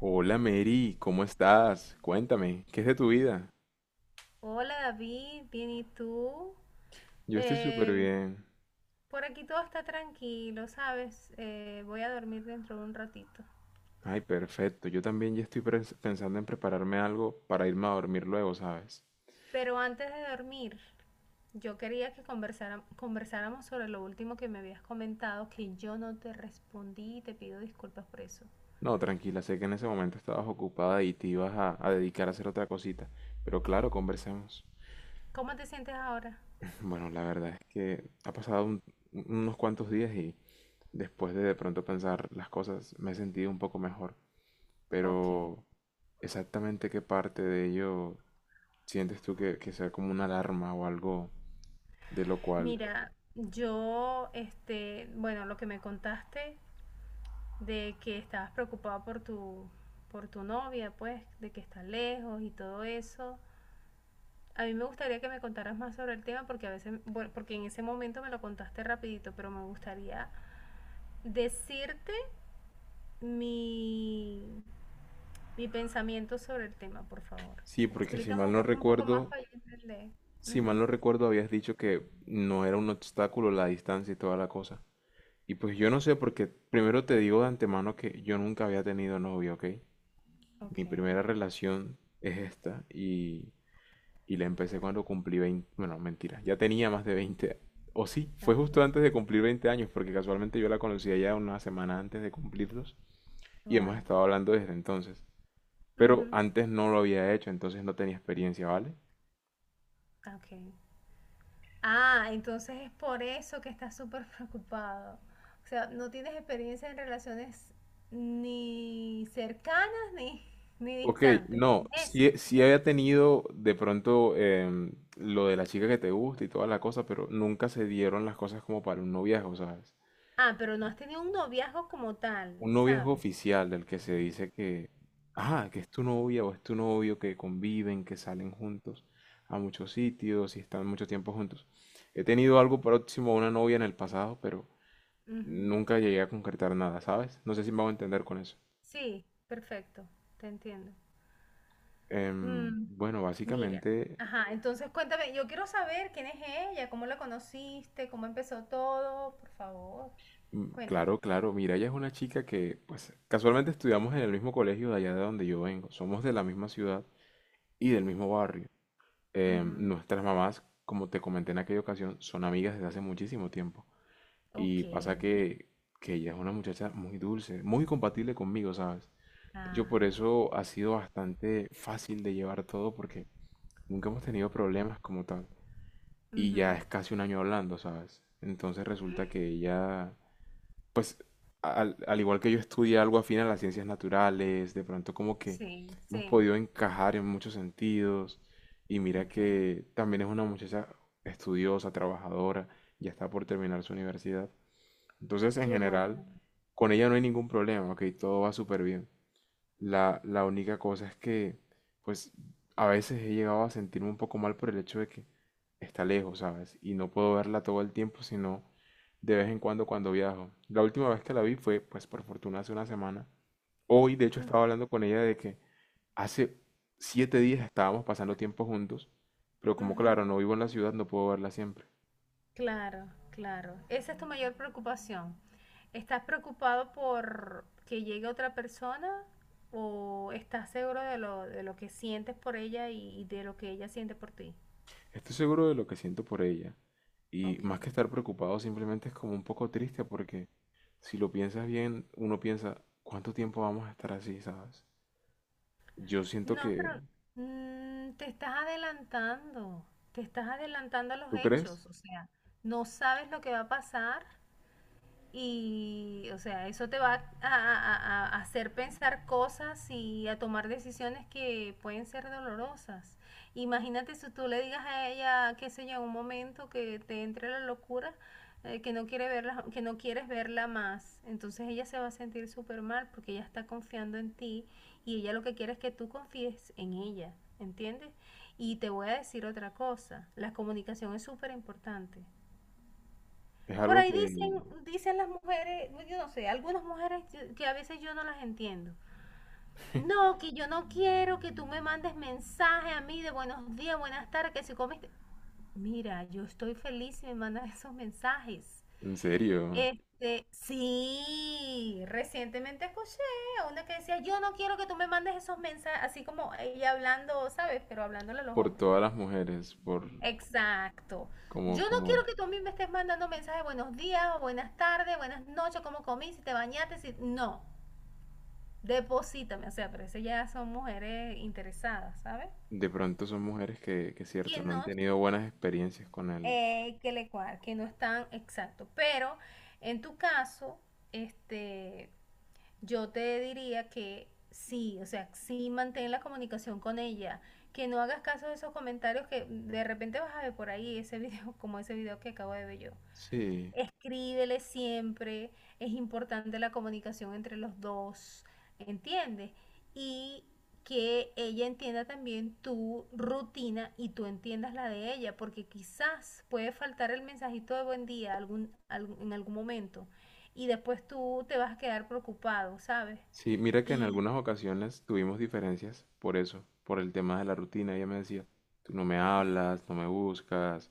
Hola Mary, ¿cómo estás? Cuéntame, ¿qué es de tu vida? Hola David, bien, ¿y tú? Yo estoy súper Eh, bien. por aquí todo está tranquilo, ¿sabes? Voy a dormir dentro de un ratito. Ay, perfecto. Yo también ya estoy pensando en prepararme algo para irme a dormir luego, ¿sabes? Pero antes de dormir, yo quería que conversáramos sobre lo último que me habías comentado, que yo no te respondí y te pido disculpas por eso. No, tranquila, sé que en ese momento estabas ocupada y te ibas a dedicar a hacer otra cosita. Pero claro, conversemos. ¿Cómo te sientes ahora? Bueno, la verdad es que ha pasado unos cuantos días y después de pronto pensar las cosas me he sentido un poco mejor. Ok. Pero exactamente qué parte de ello. ¿Sientes tú que sea como una alarma o algo de lo cual... Mira, yo, bueno, lo que me contaste de que estabas preocupada por por tu novia, pues, de que está lejos y todo eso. A mí me gustaría que me contaras más sobre el tema porque a veces, bueno, porque en ese momento me lo contaste rapidito, pero me gustaría decirte mi, mi pensamiento sobre el tema, por favor. Sí, porque si Explícame mal no un poco más recuerdo, para yo entender. si mal Ujú. no recuerdo habías dicho que no era un obstáculo la distancia y toda la cosa. Y pues yo no sé porque primero te digo de antemano que yo nunca había tenido novio, ¿ok? Mi Ok, primera relación es esta y la empecé cuando cumplí 20, bueno, mentira, ya tenía más de 20, o sí, fue justo antes de ok. cumplir 20 años porque casualmente yo la conocía ya una semana antes de cumplirlos y hemos Wow. estado hablando desde entonces. Pero Ujú, antes no lo había hecho, entonces no tenía experiencia, ¿vale? ok. Ah, entonces es por eso que estás súper preocupado. O sea, no tienes experiencia en relaciones ni cercanas ni Ok, distantes. no, ¿Es sí, eso? sí había tenido de pronto lo de la chica que te gusta y toda la cosa, pero nunca se dieron las cosas como para un noviazgo, ¿sabes? Ah, pero no has tenido un noviazgo como tal, Un noviazgo ¿sabes? oficial del que se dice que, ah, que es tu novia o es tu novio, que conviven, que salen juntos a muchos sitios y están mucho tiempo juntos. He tenido algo próximo a una novia en el pasado, pero Ujú. nunca llegué a concretar nada, ¿sabes? No sé si me hago entender con eso. Sí, perfecto, te entiendo. Mm, Bueno, mira, básicamente, ajá, entonces cuéntame, yo quiero saber quién es ella, cómo la conociste, cómo empezó todo, por favor, cuéntame. claro, claro. Mira, ella es una chica que, pues, casualmente estudiamos en el mismo colegio de allá de donde yo vengo. Somos de la misma ciudad y del mismo barrio. Ujú. Nuestras mamás, como te comenté en aquella ocasión, son amigas desde hace muchísimo tiempo. Ok. Y pasa que ella es una muchacha muy dulce, muy compatible conmigo, ¿sabes? Yo por Ah. eso ha sido bastante fácil de llevar todo porque nunca hemos tenido problemas como tal. Y ya Ujú. es casi un año hablando, ¿sabes? Entonces resulta que ella, pues, al igual que yo estudié algo afín a las ciencias naturales, de pronto como que Sí, hemos sí, podido encajar en muchos sentidos y mira ok. que también es una muchacha estudiosa, trabajadora, ya está por terminar su universidad. Entonces, en Qué general, bueno. con ella no hay ningún problema, ok, todo va súper bien. La única cosa es que, pues, a veces he llegado a sentirme un poco mal por el hecho de que está lejos, ¿sabes? Y no puedo verla todo el tiempo, sino de vez en cuando cuando viajo. La última vez que la vi fue, pues, por fortuna hace una semana. Hoy, de hecho, Ujú, estaba hablando con ella de que hace 7 días estábamos pasando tiempo juntos, pero como ujú. claro, no vivo en la ciudad, no puedo verla siempre. Claro, claro. Esa es tu mayor preocupación. ¿Estás preocupado por que llegue otra persona o estás seguro de de lo que sientes por ella y de lo que ella siente por ti? Estoy seguro de lo que siento por ella. Y Ok. más que estar preocupado, simplemente es como un poco triste porque si lo piensas bien, uno piensa, ¿cuánto tiempo vamos a estar así, sabes? Yo siento No, pero que, mm, te estás adelantando a los ¿tú crees? hechos, o sea, no sabes lo que va a pasar. Y, o sea, eso te va a hacer pensar cosas y a tomar decisiones que pueden ser dolorosas. Imagínate si tú le digas a ella, qué sé yo, en un momento que te entre la locura, que no quiere verla, que no quieres verla más. Entonces ella se va a sentir súper mal porque ella está confiando en ti y ella lo que quiere es que tú confíes en ella, ¿entiendes? Y te voy a decir otra cosa, la comunicación es súper importante. Es Por algo ahí que, dicen las mujeres, pues, yo no sé, algunas mujeres que a veces yo no las entiendo. No, que yo no quiero que tú me mandes mensaje a mí de buenos días, buenas tardes, que si comiste. Mira, yo estoy feliz si me mandan esos mensajes. en serio, Este, sí, recientemente escuché a una que decía, yo no quiero que tú me mandes esos mensajes, así como ella hablando, ¿sabes? Pero hablándole a los por hombres, todas pues. las mujeres, por Exacto. como, Yo no como, quiero que tú a mí me estés mandando mensajes buenos días, o buenas tardes, buenas noches, cómo comí, si te bañaste, si... No, deposítame, o sea, pero eso ya son mujeres interesadas, ¿sabes? de pronto son mujeres que es Que cierto, no no, han tenido buenas experiencias con él. Que le cual, que no están exacto. Pero en tu caso, este, yo te diría que sí, o sea, sí mantén la comunicación con ella, que no hagas caso de esos comentarios que de repente vas a ver por ahí ese video, como ese video que acabo de ver yo. Sí, Escríbele siempre, es importante la comunicación entre los dos, ¿entiendes? Y que ella entienda también tu rutina y tú entiendas la de ella, porque quizás puede faltar el mensajito de buen día en algún momento y después tú te vas a quedar preocupado, ¿sabes? sí, mira que en Y, algunas ocasiones tuvimos diferencias por eso, por el tema de la rutina. Ella me decía, tú no me ok, hablas, no me buscas.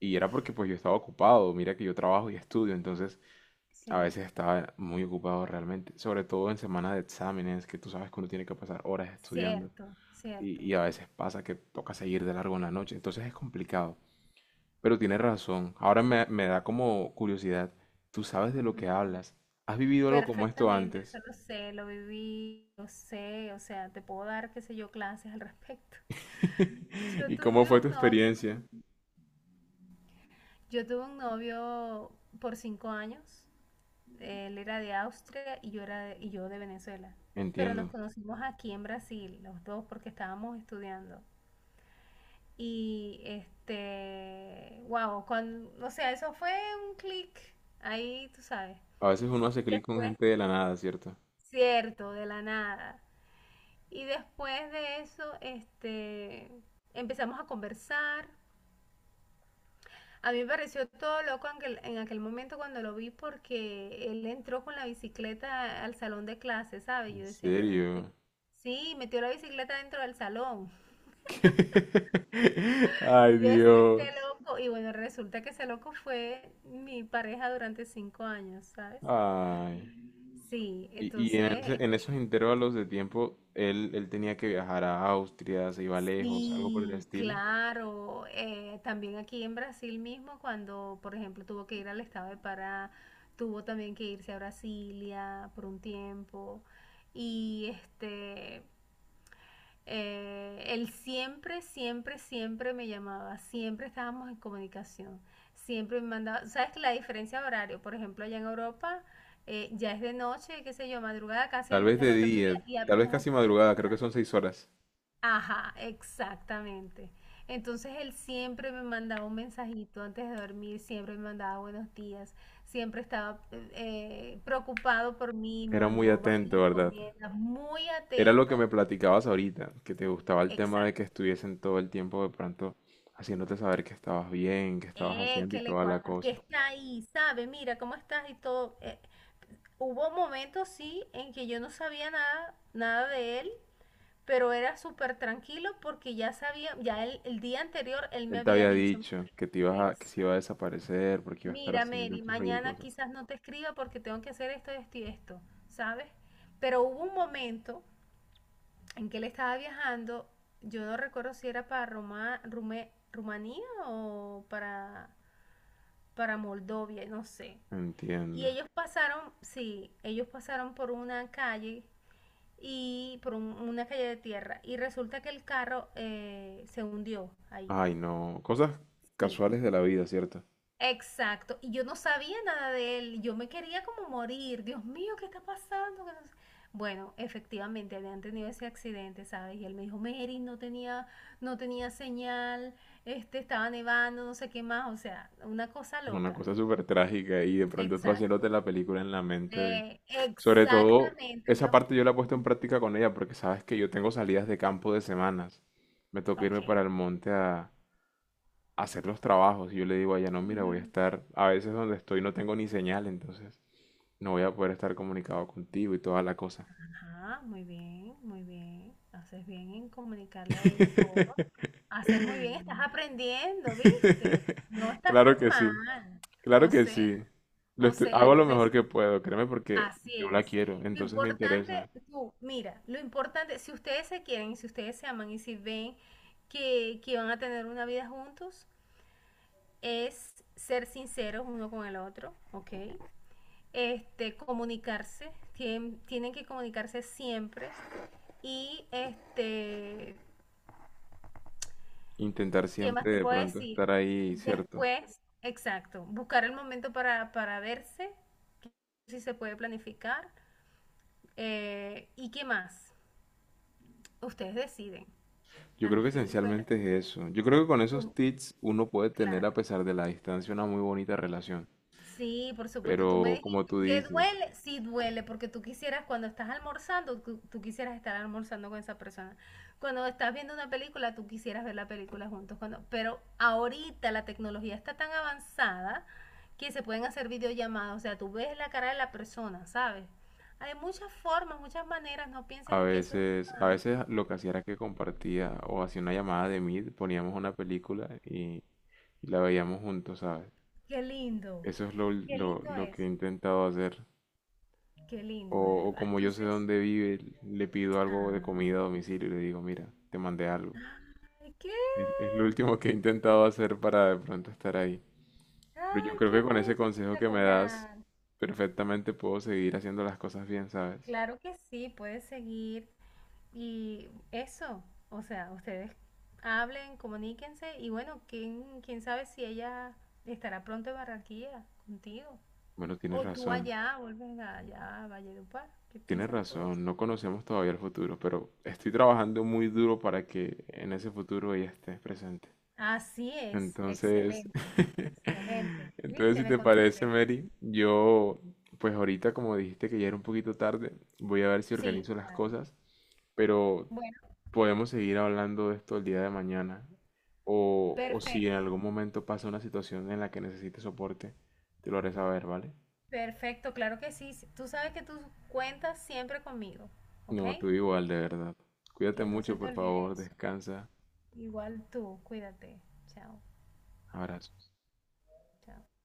Y era porque pues yo estaba ocupado, mira que yo trabajo y estudio, entonces a sí, veces estaba muy ocupado realmente, sobre todo en semanas de exámenes, que tú sabes que uno tiene que pasar horas estudiando cierto, y, cierto. y a veces pasa que toca seguir de largo en la noche, entonces es complicado. Pero tienes razón, ahora me da como curiosidad, tú sabes de lo Ujú. que hablas, ¿has vivido algo como esto Perfectamente, eso antes? lo sé, lo viví, lo sé, o sea, te puedo dar, qué sé yo, clases al respecto. Yo ¿Y cómo tuve fue tu un novio, experiencia? yo tuve un novio por 5 años, él era de Austria y yo era y yo de Venezuela, pero nos Entiendo. conocimos aquí en Brasil, los dos, porque estábamos estudiando. Y este, wow, cuando, o sea, eso fue un clic, ahí tú sabes. A veces uno hace clic con Después, gente de la nada, ¿cierto? cierto, de la nada. Y después de eso, este, empezamos a conversar. A mí me pareció todo loco en en aquel momento cuando lo vi porque él entró con la bicicleta al salón de clase, ¿sabes? Yo En decía, pero este... serio. Sí, metió la bicicleta dentro del salón. Ay, Y yo decía, este Dios. loco. Y bueno, resulta que ese loco fue mi pareja durante 5 años, ¿sabes? Ay. Sí, Y, y en, entonces ese- en esos intervalos de tiempo, él tenía que viajar a Austria, se iba lejos, algo por el sí, estilo. claro. También aquí en Brasil mismo, cuando, por ejemplo, tuvo que ir al estado de Pará, tuvo también que irse a Brasilia por un tiempo. Y este, él siempre, siempre, siempre me llamaba, siempre estábamos en comunicación, siempre me mandaba, ¿sabes que la diferencia de horario? Por ejemplo, allá en Europa ya es de noche, qué sé yo, madrugada casi Tal vez el de otro día día, y tal vez apenas casi aquí. madrugada, creo que son 6 horas. Ajá, exactamente. Entonces él siempre me mandaba un mensajito antes de dormir, siempre me mandaba buenos días, siempre estaba preocupado por mí, me Era muy mandó varias atento, ¿verdad? encomiendas, muy Era lo que atento. me platicabas ahorita, que te gustaba el tema de que Exacto. estuviesen todo el tiempo de pronto haciéndote saber que estabas bien, que estabas haciendo y toda la Que cosa. está ahí, sabe, mira cómo estás y todo. Hubo momentos, sí, en que yo no sabía nada, nada de él, pero era súper tranquilo porque ya sabía, ya el día anterior él me Él te había había dicho. dicho que te ibas que se iba a Exacto. desaparecer porque iba a estar Mira, haciendo Mary, X o Y mañana cosas. quizás no te escriba porque tengo que hacer esto, esto y esto, ¿sabes? Pero hubo un momento en que él estaba viajando, yo no recuerdo si era para Rumanía o para Moldovia, no sé. Y Entiendo. ellos pasaron, sí, ellos pasaron por una calle y por una calle de tierra y resulta que el carro se hundió ahí, Ay, no. Cosas sí. casuales de la vida, ¿cierto? Exacto, y yo no sabía nada de él, yo me quería como morir, Dios mío, ¿qué está pasando? Que no sé- Bueno, efectivamente habían tenido ese accidente, ¿sabes? Y él me dijo, Mary, no tenía señal, este, estaba nevando, no sé qué más, o sea, una cosa Una loca. cosa súper trágica y de pronto tú haciéndote Exacto, la película en la mente de... eh, Sobre todo, exactamente, esa yo. parte yo la he puesto en Ujú. práctica con ella porque sabes que yo tengo salidas de campo de semanas. Me toca Ok. irme para el monte a hacer los trabajos. Y yo le digo a ella, no, mira, voy a Ujú. estar, a veces donde estoy no tengo ni señal, entonces no voy a poder estar comunicado contigo y toda la cosa. Ajá, muy bien, muy bien. Haces bien en comunicarle a ella todo. Haces muy bien, estás aprendiendo, ¿viste? No estás tan Claro que sí, mal. claro O que sea, sí. O sea, Hago lo mejor entonces, que puedo, créeme, porque así yo la es. quiero, entonces me interesa Lo importante, si ustedes se quieren, si ustedes se aman y si ven que van a tener una vida juntos, es ser sinceros uno con el otro, ¿ok? Este, comunicarse, tienen que comunicarse siempre y este, intentar ¿qué más siempre te de puedo pronto estar decir? ahí, ¿cierto? Después, exacto, buscar el momento para verse, si se puede planificar. Eh, ¿y qué más? Ustedes deciden, Yo al creo que fin de cuentas, esencialmente es eso. Yo creo que con esos tú, tips uno puede tener, claro. a pesar de la distancia, una muy bonita relación. Sí, por supuesto. Tú me Pero como dijiste tú que dices, duele, sí duele, porque tú quisieras, cuando estás almorzando, tú quisieras estar almorzando con esa persona. Cuando estás viendo una película, tú quisieras ver la película juntos. Cuando, pero ahorita la tecnología está tan avanzada que se pueden hacer videollamadas. O sea, tú ves la cara de la persona, ¿sabes? Hay muchas formas, muchas maneras. No a pienses en que eso es veces, a una... veces lo que hacía era que compartía o hacía una llamada de Meet, poníamos una película y la veíamos juntos, ¿sabes? Qué lindo. Eso es lo, Qué lo, lindo lo que he eso. intentado hacer. Qué O, lindo, de o verdad. como yo sé Entonces, dónde vive, le pido algo de comida a ah, domicilio y le digo, mira, te mandé algo. ay, ¿qué? Es lo último que he intentado hacer para de pronto estar ahí. Pero yo ¡Ay, creo qué que con ese bello, consejo que me das, espectacular! perfectamente puedo seguir haciendo las cosas bien, ¿sabes? Claro que sí, puedes seguir. Y eso, o sea, ustedes hablen, comuníquense y bueno, quién sabe si ella estará pronto en Barranquilla contigo. Bueno, tienes O tú razón. allá, vuelves allá a Valledupar. ¿Qué Tienes piensas tú? razón, no conocemos todavía el futuro, pero estoy trabajando muy duro para que en ese futuro ella esté presente. Así es, Entonces, excelente. entonces ¿Viste? si Me te parece, contenté. Mary, yo, pues ahorita como dijiste que ya era un poquito tarde, voy a ver si Sí, organizo las claro. cosas, pero Bueno, podemos seguir hablando de esto el día de mañana. O si en perfecto. algún momento pasa una situación en la que necesites soporte, te lo haré saber, ¿vale? Perfecto, claro que sí. Tú sabes que tú cuentas siempre conmigo, ¿ok? No, tú igual, de verdad. Cuídate Que no mucho, se te por olvide favor, eso. descansa. Igual tú, cuídate. Chao, Abrazo. chao.